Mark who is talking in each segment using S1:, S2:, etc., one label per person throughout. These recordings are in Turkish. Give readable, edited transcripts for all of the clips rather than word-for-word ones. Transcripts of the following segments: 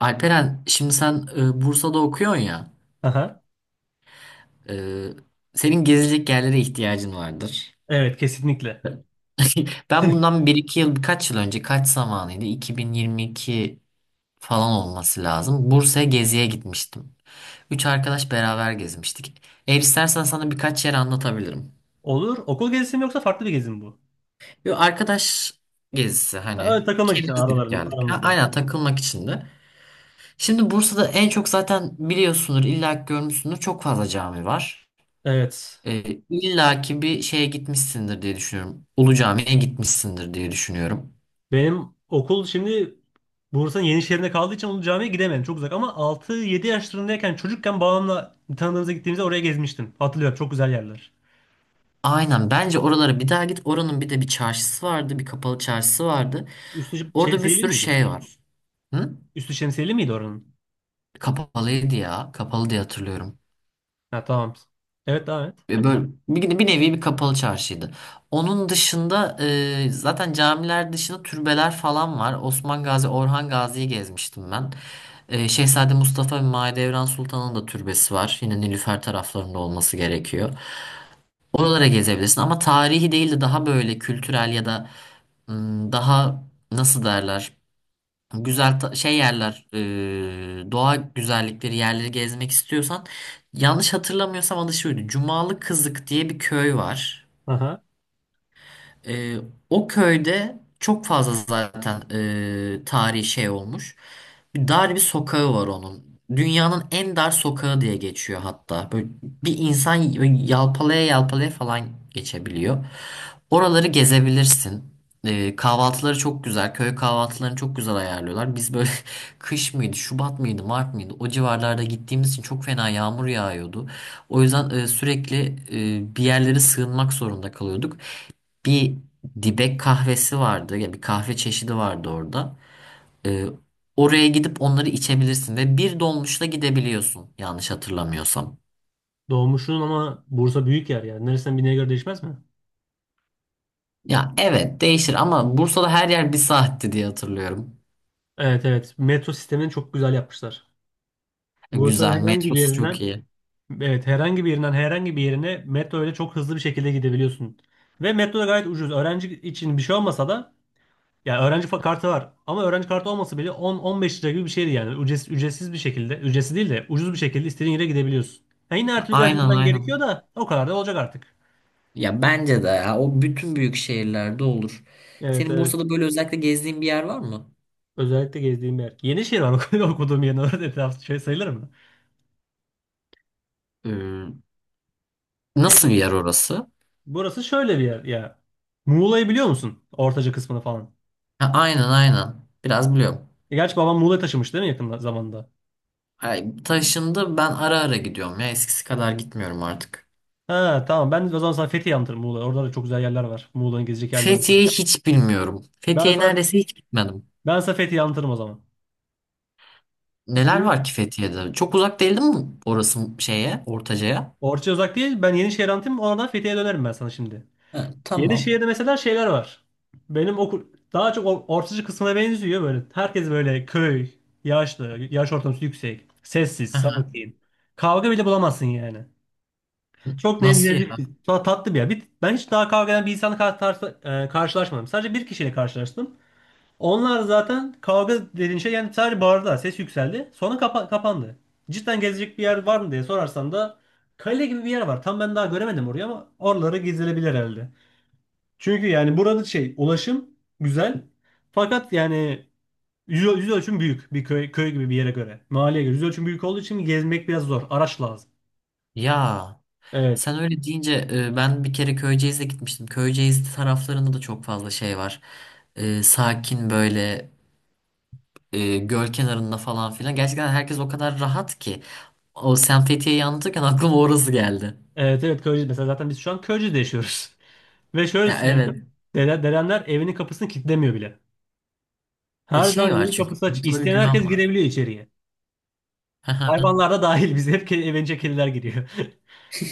S1: Alperen, şimdi sen Bursa'da okuyorsun ya.
S2: Aha.
S1: e, Senin gezecek yerlere ihtiyacın vardır.
S2: Evet kesinlikle.
S1: Ben bundan bir iki yıl, birkaç yıl önce, kaç zamanıydı? 2022 falan olması lazım. Bursa'ya geziye gitmiştim. Üç arkadaş beraber gezmiştik. Eğer istersen sana birkaç yer anlatabilirim.
S2: Olur. Okul gezisi mi yoksa farklı bir gezi mi bu?
S1: Bir arkadaş gezisi
S2: Ha, öyle
S1: hani.
S2: takılmak için
S1: Kendimiz gidip geldik. Ha,
S2: aranızda.
S1: aynen takılmak için de. Şimdi Bursa'da en çok zaten biliyorsundur, illa ki görmüşsündür. Çok fazla cami var.
S2: Evet.
S1: E, illa ki bir şeye gitmişsindir diye düşünüyorum. Ulu Cami'ye gitmişsindir diye düşünüyorum.
S2: Benim okul şimdi Bursa'nın Yenişehir'inde kaldığı için Ulu Cami'ye gidemedim. Çok uzak ama 6-7 yaşlarındayken çocukken babamla bir tanıdığımıza gittiğimizde oraya gezmiştim. Hatırlıyorum, çok güzel yerler.
S1: Aynen bence oralara bir daha git. Oranın bir de bir çarşısı vardı. Bir kapalı çarşısı vardı.
S2: Üstü
S1: Orada bir
S2: şemsiyeli
S1: sürü
S2: miydi?
S1: şey var. Hı?
S2: Üstü şemsiyeli miydi oranın?
S1: Kapalıydı ya. Kapalı diye hatırlıyorum.
S2: Ha, tamam. Evet, devam et.
S1: Böyle bir, bir nevi bir kapalı çarşıydı. Onun dışında zaten camiler dışında türbeler falan var. Osman Gazi, Orhan Gazi'yi gezmiştim ben. Şehzade Mustafa ve Mahidevran Sultan'ın da türbesi var. Yine Nilüfer taraflarında olması gerekiyor. Oralara gezebilirsin ama tarihi değil de daha böyle kültürel ya da daha nasıl derler? Güzel şey yerler, doğa güzellikleri yerleri gezmek istiyorsan yanlış hatırlamıyorsam adı şuydu. Cumalı Kızık diye bir köy var.
S2: Aha.
S1: Ee, O köyde çok fazla zaten tarihi şey olmuş. Bir dar bir sokağı var onun. Dünyanın en dar sokağı diye geçiyor hatta. Böyle bir insan yalpalaya yalpalaya falan geçebiliyor. Oraları gezebilirsin. Kahvaltıları çok güzel. Köy kahvaltılarını çok güzel ayarlıyorlar. Biz böyle kış mıydı, Şubat mıydı, Mart mıydı? O civarlarda gittiğimiz için çok fena yağmur yağıyordu. O yüzden sürekli bir yerlere sığınmak zorunda kalıyorduk bir dibek kahvesi vardı ya bir kahve çeşidi vardı orada. Ee, Oraya gidip onları içebilirsin ve bir dolmuşla gidebiliyorsun yanlış hatırlamıyorsam.
S2: Doğmuşsun ama Bursa büyük yer ya. Neresinden bineye göre değişmez mi?
S1: Ya evet değişir ama Bursa'da her yer bir saatti diye hatırlıyorum.
S2: Evet, evet. Metro sistemini çok güzel yapmışlar. Bursa'nın
S1: Güzel
S2: herhangi bir
S1: metrosu çok
S2: yerinden.
S1: iyi.
S2: Evet, herhangi bir yerinden herhangi bir yerine metro ile çok hızlı bir şekilde gidebiliyorsun. Ve metro da gayet ucuz. Öğrenci için bir şey olmasa da, yani öğrenci kartı var. Ama öğrenci kartı olmasa bile 10-15 lira gibi bir şeydi yani. Ücretsiz, ücretsiz bir şekilde, ücretsiz değil de ucuz bir şekilde istediğin yere gidebiliyorsun. Yani yine her türlü biraz
S1: Aynen
S2: yürümen gerekiyor
S1: aynen.
S2: da, o kadar da olacak artık.
S1: Ya bence de ya, o bütün büyük şehirlerde olur.
S2: Evet,
S1: Senin
S2: evet.
S1: Bursa'da böyle özellikle gezdiğin bir yer var mı?
S2: Özellikle gezdiğim yer. Yenişehir var, okuduğum yerin orada, etrafı şey sayılır mı?
S1: Ee,
S2: Ye-
S1: Nasıl bir yer orası?
S2: Burası şöyle bir yer ya. Muğla'yı biliyor musun? Ortaca kısmını falan.
S1: Ha, aynen aynen. Biraz biliyorum.
S2: Gerçi babam Muğla'ya taşımış değil mi yakın zamanda?
S1: Ay, taşındı ben ara ara gidiyorum ya eskisi kadar gitmiyorum artık.
S2: Ha, tamam, ben o zaman sana Fethiye anlatırım, Muğla. Orada da çok güzel yerler var. Muğla'nın gezecek yerler var.
S1: Fethiye'yi hiç bilmiyorum.
S2: Ben
S1: Fethiye'ye
S2: sana,
S1: neredeyse hiç gitmedim.
S2: ben sana Fethiye anlatırım o zaman.
S1: Neler
S2: Şimdi
S1: var ki Fethiye'de? Çok uzak değil değil mi orası şeye, Ortaca'ya?
S2: Orça uzak değil. Ben Yenişehir anlatayım. Oradan Fethiye'ye dönerim ben sana şimdi.
S1: Ha, tamam.
S2: Yenişehir'de mesela şeyler var. Benim okul daha çok Orçacı kısmına benziyor böyle. Herkes böyle köy, yaşlı, yaş ortalaması yüksek, sessiz,
S1: Hı hı.
S2: sakin. Kavga bile bulamazsın yani. Çok
S1: Nasıl ya?
S2: nezih, tatlı bir yer. Ben hiç daha kavga eden bir insanla karşılaşmadım. Sadece bir kişiyle karşılaştım. Onlar zaten kavga dediğin şey, yani sadece bağırdılar. Ses yükseldi. Sonra kapandı. Cidden gezecek bir yer var mı diye sorarsan da kale gibi bir yer var. Tam ben daha göremedim orayı ama oraları gezilebilir herhalde. Çünkü yani burada şey, ulaşım güzel. Fakat yani yüz ölçüm büyük bir köy, köy gibi bir yere göre. Mahalleye göre yüz ölçüm büyük olduğu için gezmek biraz zor. Araç lazım.
S1: Ya
S2: Evet.
S1: sen öyle deyince ben bir kere Köyceğiz'e gitmiştim. Köyceğiz taraflarında da çok fazla şey var. Sakin böyle göl kenarında falan filan. Gerçekten herkes o kadar rahat ki. O sen Fethiye'yi anlatırken aklıma orası geldi.
S2: Evet, evet, Köyceğiz. Mesela zaten biz şu an Köyceğiz'de yaşıyoruz. Ve şöyle
S1: Ya
S2: söyleyeyim.
S1: evet.
S2: Dedemler evinin kapısını kilitlemiyor bile.
S1: Ya
S2: Her
S1: şey
S2: zaman
S1: var
S2: evin
S1: çünkü.
S2: kapısı açık.
S1: Ortada bir
S2: İsteyen herkes
S1: güven var.
S2: girebiliyor içeriye. Hayvanlar da dahil. Biz hep evince kediler giriyor.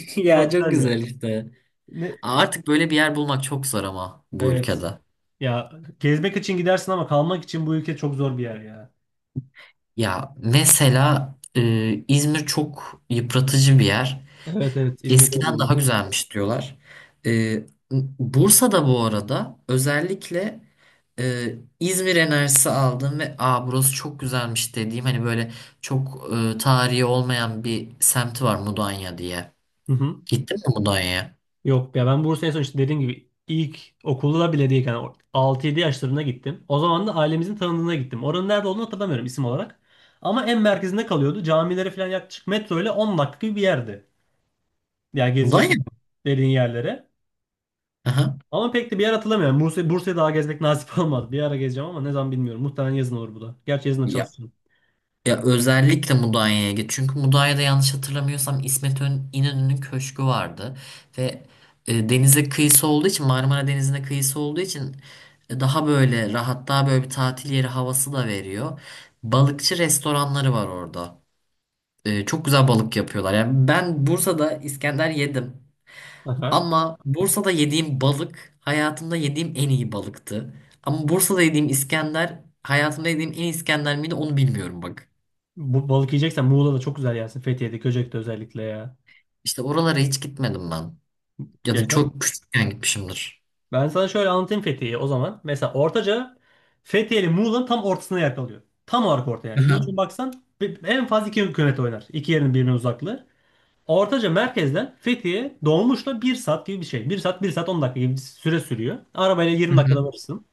S1: Ya
S2: Çok
S1: çok
S2: güzel ya.
S1: güzel işte.
S2: Ne?
S1: Artık böyle bir yer bulmak çok zor ama bu
S2: Evet.
S1: ülkede.
S2: Ya, gezmek için gidersin ama kalmak için bu ülke çok zor bir yer ya.
S1: Ya mesela İzmir çok yıpratıcı bir yer.
S2: Evet, evet, İzmir'de de
S1: Eskiden daha
S2: bulundum.
S1: güzelmiş diyorlar. E, Bursa'da bu arada özellikle İzmir enerjisi aldım ve aa burası çok güzelmiş dediğim hani böyle çok tarihi olmayan bir semti var Mudanya diye.
S2: Hı hı.
S1: Gittin mi Mudanya'ya?
S2: Yok ya, ben Bursa'ya sonuçta dediğim gibi ilk okulda bile değilken 6-7 yaşlarına gittim. O zaman da ailemizin tanıdığına gittim. Oranın nerede olduğunu hatırlamıyorum isim olarak. Ama en merkezinde kalıyordu. Camilere falan yaklaşık metro ile 10 dakika gibi bir yerdi. Ya yani gezecek
S1: Mudanya
S2: dediğin yerlere.
S1: mı?
S2: Ama pek de bir yer hatırlamıyorum. Bursa'yı daha gezmek nasip olmadı. Bir ara gezeceğim ama ne zaman bilmiyorum. Muhtemelen yazın olur bu da. Gerçi yazın da
S1: Ya,
S2: çalışırım.
S1: ya özellikle Mudanya'ya git. Çünkü Mudanya'da yanlış hatırlamıyorsam İnönü'nün köşkü vardı. Ve denize kıyısı olduğu için Marmara Denizi'ne kıyısı olduğu için daha böyle rahat daha böyle bir tatil yeri havası da veriyor. Balıkçı restoranları var orada. Çok güzel balık yapıyorlar. Yani ben Bursa'da İskender yedim.
S2: Aha.
S1: Ama Bursa'da yediğim balık hayatımda yediğim en iyi balıktı. Ama Bursa'da yediğim İskender hayatımda yediğim en iyi İskender miydi onu bilmiyorum bak.
S2: Bu balık yiyeceksen Muğla'da çok güzel yersin. Fethiye'de, Göcek'te özellikle ya.
S1: İşte oralara hiç gitmedim ben. Ya da
S2: Yaşar.
S1: çok küçükken gitmişimdir.
S2: Ben sana şöyle anlatayım Fethiye'yi o zaman. Mesela Ortaca, Fethiye ile Muğla'nın tam ortasına yer kalıyor. Tam olarak orta
S1: Hı
S2: yani. Yüz
S1: hı.
S2: ölçümü baksan en fazla 2 kilometre oynar. İki yerin birbirine uzaklığı. Ortaca merkezden Fethiye dolmuşla bir saat gibi bir şey. Bir saat, bir saat 10 dakika gibi bir süre sürüyor. Arabayla
S1: Hı
S2: 20 dakikada
S1: hı.
S2: varırsın.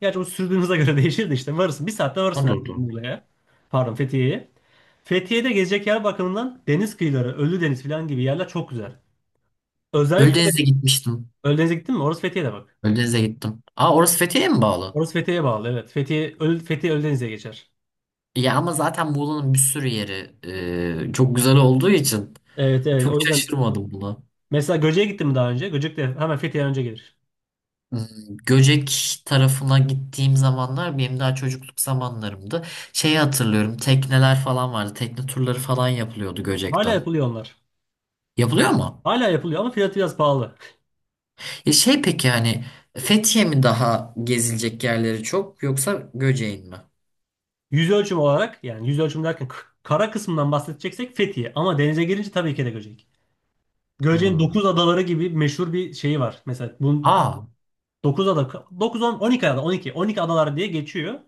S2: Gerçi o sürdüğünüze göre değişir de, işte varırsın. Bir saatte varırsın
S1: Doğru
S2: herhalde
S1: doğru.
S2: Muğla'ya. Pardon, Fethiye'ye. Fethiye'de gezecek yer bakımından deniz kıyıları, Ölüdeniz falan gibi yerler çok güzel. Özellikle
S1: Ölüdeniz'e gitmiştim.
S2: Ölüdeniz'e gittin mi? Orası Fethiye'de bak.
S1: Ölüdeniz'e gittim. Aa orası Fethiye'ye mi bağlı?
S2: Orası Fethiye'ye bağlı evet. Fethiye Ölüdeniz'e geçer.
S1: Ya ama zaten Muğla'nın bir sürü yeri çok güzel olduğu için
S2: Evet, evet,
S1: çok
S2: o yüzden
S1: şaşırmadım buna.
S2: mesela Göcek'e gittin mi daha önce? Göcek de hemen Fethiye'den önce gelir.
S1: Hmm, Göcek tarafına gittiğim zamanlar benim daha çocukluk zamanlarımdı. Şeyi hatırlıyorum tekneler falan vardı. Tekne turları falan yapılıyordu
S2: Hala
S1: Göcek'ten.
S2: yapılıyor onlar.
S1: Yapılıyor mu?
S2: Hala yapılıyor ama fiyatı biraz pahalı.
S1: E şey peki yani Fethiye mi daha gezilecek yerleri çok yoksa Göcek'in mi?
S2: Yüz ölçüm olarak yani, yüz ölçüm derken kara kısmından bahsedeceksek Fethiye. Ama denize girince tabii ki de Göcek. Göce'nin
S1: Hmm.
S2: 9 adaları gibi meşhur bir şeyi var. Mesela bunun
S1: Aa,
S2: 9 ada, dokuz on, on iki ada, on iki adalar diye geçiyor.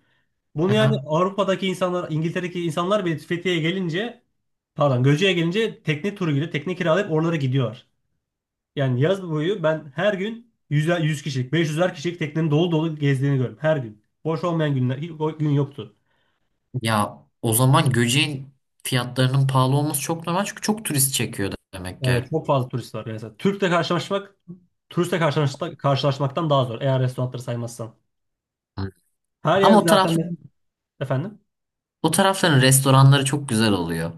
S2: Bunu yani
S1: aha.
S2: Avrupa'daki insanlar, İngiltere'deki insanlar bile Fethiye'ye gelince, pardon, Göce'ye gelince tekne turu gibi tekne kiralayıp oralara gidiyorlar. Yani yaz boyu ben her gün 100, 100 kişilik, 500'er kişilik teknenin dolu dolu gezdiğini gördüm her gün. Boş olmayan günler hiç, o gün yoktu.
S1: Ya o zaman Göcek'in fiyatlarının pahalı olması çok normal çünkü çok turist çekiyor demek ki.
S2: Evet, çok fazla turist var. Yani mesela Türk'le karşılaşmak, turistle karşılaşmak, karşılaşmaktan daha zor eğer restoranları saymazsan.
S1: Hı.
S2: Her yer
S1: Ama
S2: zaten, efendim.
S1: o tarafların restoranları çok güzel oluyor.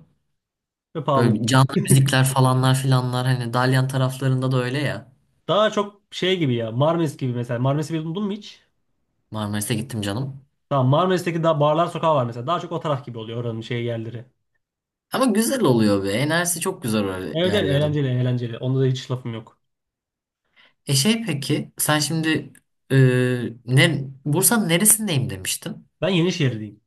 S2: Ve pahalı.
S1: Böyle canlı müzikler falanlar filanlar hani Dalyan taraflarında da öyle ya.
S2: Daha çok şey gibi ya. Marmaris gibi mesela. Marmaris'i bildin mi hiç?
S1: Marmaris'e gittim canım.
S2: Tamam, Marmaris'teki daha, barlar sokağı var mesela. Daha çok o taraf gibi oluyor oranın şey yerleri.
S1: Ama güzel oluyor be. Enerjisi çok güzel öyle
S2: Evet, evet,
S1: yerlerin.
S2: eğlenceli, eğlenceli. Onda da hiç lafım yok.
S1: E şey peki sen şimdi e, Bursa'nın neresindeyim demiştin?
S2: Ben Yenişehirliyim.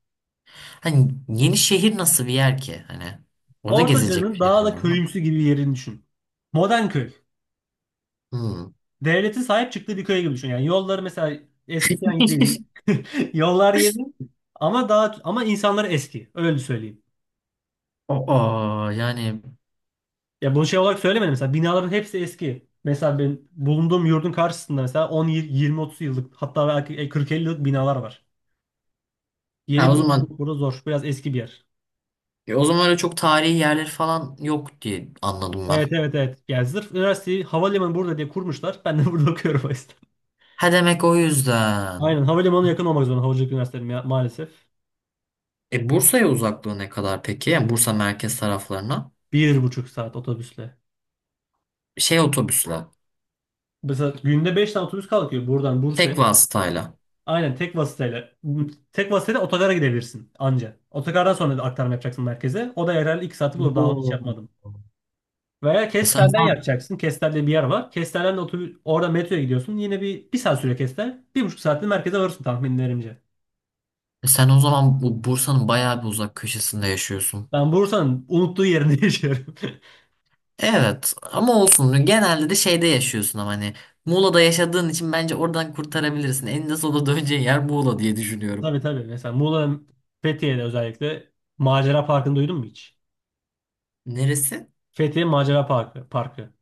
S1: Hani yeni şehir nasıl bir yer ki? Hani orada gezilecek bir
S2: Ortaca'nın
S1: şeyler
S2: daha da
S1: var mı?
S2: köyümsü gibi bir yerini düşün. Modern köy.
S1: Hmm.
S2: Devletin sahip çıktığı bir köy gibi düşün. Yani yolları mesela eskiden değil. Yollar yeni ama insanları eski. Öyle söyleyeyim.
S1: Aa, yani
S2: Ya, bunu şey olarak söylemedim, mesela binaların hepsi eski. Mesela benim bulunduğum yurdun karşısında mesela on, yirmi, otuz yıllık, hatta belki 40-50 yıllık binalar var. Yeni
S1: ha, o
S2: bina
S1: zaman
S2: bulmak burada zor. Biraz eski bir yer.
S1: o zaman öyle çok tarihi yerleri falan yok diye anladım ben.
S2: Evet, evet, evet. Yani sırf üniversiteyi, havalimanı burada diye kurmuşlar. Ben de burada okuyorum o yüzden.
S1: Ha demek o yüzden.
S2: Aynen, havalimanına yakın olmak zorunda havacılık üniversiteleri maalesef.
S1: E Bursa'ya uzaklığı ne kadar peki? Yani Bursa merkez taraflarına
S2: 1,5 saat otobüsle.
S1: şey otobüsle,
S2: Mesela günde 5 tane otobüs kalkıyor buradan Bursa'ya.
S1: tek vasıtayla.
S2: Aynen, tek vasıtayla. Tek vasıtayla otogara gidebilirsin anca. Otogardan sonra da aktarma yapacaksın merkeze. O da herhalde 2 saati bulur. Daha hiç
S1: Oo.
S2: yapmadım. Veya
S1: E, Sen
S2: Kestel'den yapacaksın. Kestel'de bir yer var. Kestel'den de otobüs, orada metroya gidiyorsun. Yine bir saat süre Kestel. 1,5 saatte merkeze varırsın tahminlerimce.
S1: Sen o zaman bu Bursa'nın bayağı bir uzak köşesinde yaşıyorsun.
S2: Ben Bursa'nın unuttuğu yerinde yaşıyorum.
S1: Evet ama olsun genelde de şeyde yaşıyorsun ama hani Muğla'da yaşadığın için bence oradan kurtarabilirsin. Eninde sonunda döneceğin yer Muğla diye düşünüyorum.
S2: Tabii, tabii. Mesela Muğla'nın, Fethiye'de özellikle, Macera Parkı'nı duydun mu hiç?
S1: Neresi?
S2: Fethiye Macera Parkı. Parkı.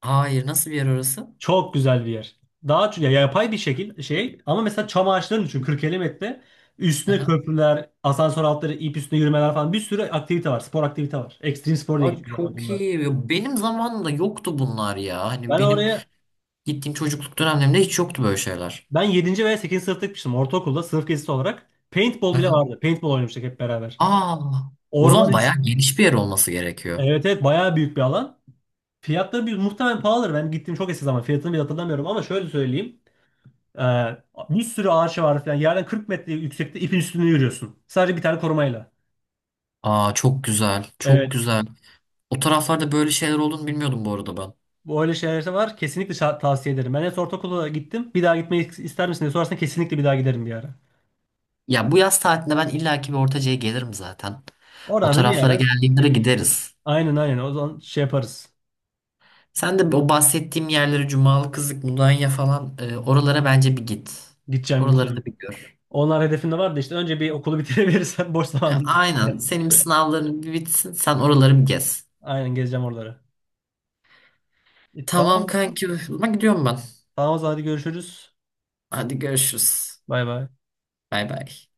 S1: Hayır nasıl bir yer orası?
S2: Çok güzel bir yer. Daha ya, yapay bir şekil şey ama mesela çam ağaçlarını düşün, 40-50 metre. Üstüne
S1: Aha.
S2: köprüler, asansör altları, ip üstüne yürümeler falan, bir sürü aktivite var. Spor aktivite var. Ekstrem spor diye
S1: Aa,
S2: geçiyor zaten
S1: çok
S2: bunlar.
S1: iyi. Ya benim zamanımda yoktu bunlar ya. Hani
S2: Ben
S1: benim
S2: oraya
S1: gittiğim çocukluk dönemlerimde hiç yoktu böyle şeyler.
S2: Ben yedinci veya sekizinci sınıfta gitmiştim, ortaokulda sınıf gezisi olarak. Paintball bile
S1: Aha.
S2: vardı. Paintball oynamıştık hep beraber.
S1: Aa, o
S2: Orman
S1: zaman
S2: iç.
S1: bayağı geniş bir yer olması gerekiyor.
S2: Evet, evet, bayağı büyük bir alan. Fiyatları bir, muhtemelen pahalıdır. Ben gittiğim çok eski zaman, fiyatını bile hatırlamıyorum ama şöyle söyleyeyim. Ee, Bir sürü ağaç var falan. Yerden 40 metre yüksekte ipin üstünde yürüyorsun. Sadece bir tane korumayla.
S1: Aa çok güzel, çok
S2: Evet.
S1: güzel. O taraflarda böyle şeyler olduğunu bilmiyordum bu arada ben.
S2: Böyle şeyler de var. Kesinlikle tavsiye ederim. Ben en son ortaokula gittim. Bir daha gitmeyi ister misin diye sorarsan, kesinlikle bir daha giderim bir ara.
S1: Ya bu yaz tatilinde ben illaki bir Ortaca'ya gelirim zaten. O
S2: Oradan da bir
S1: taraflara
S2: ara.
S1: tamam. Geldiğimde de gideriz.
S2: Aynen, aynen. O zaman şey yaparız.
S1: Sen de o bahsettiğim yerlere Cumalı Kızık, Mudanya falan oralara bence bir git.
S2: Gideceğim,
S1: Oraları
S2: gideceğim.
S1: da bir gör.
S2: Onlar hedefimde vardı işte. Önce bir okulu bitirebilirsem, boş
S1: Ha,
S2: zamanımda.
S1: aynen. Senin sınavların bir bitsin. Sen oraları bir gez.
S2: Aynen, gezeceğim oraları. E, tamam
S1: Tamam
S2: o zaman.
S1: kanki. Ama gidiyorum ben.
S2: Tamam, o zaman hadi görüşürüz.
S1: Hadi görüşürüz.
S2: Bay bay.
S1: Bay bay.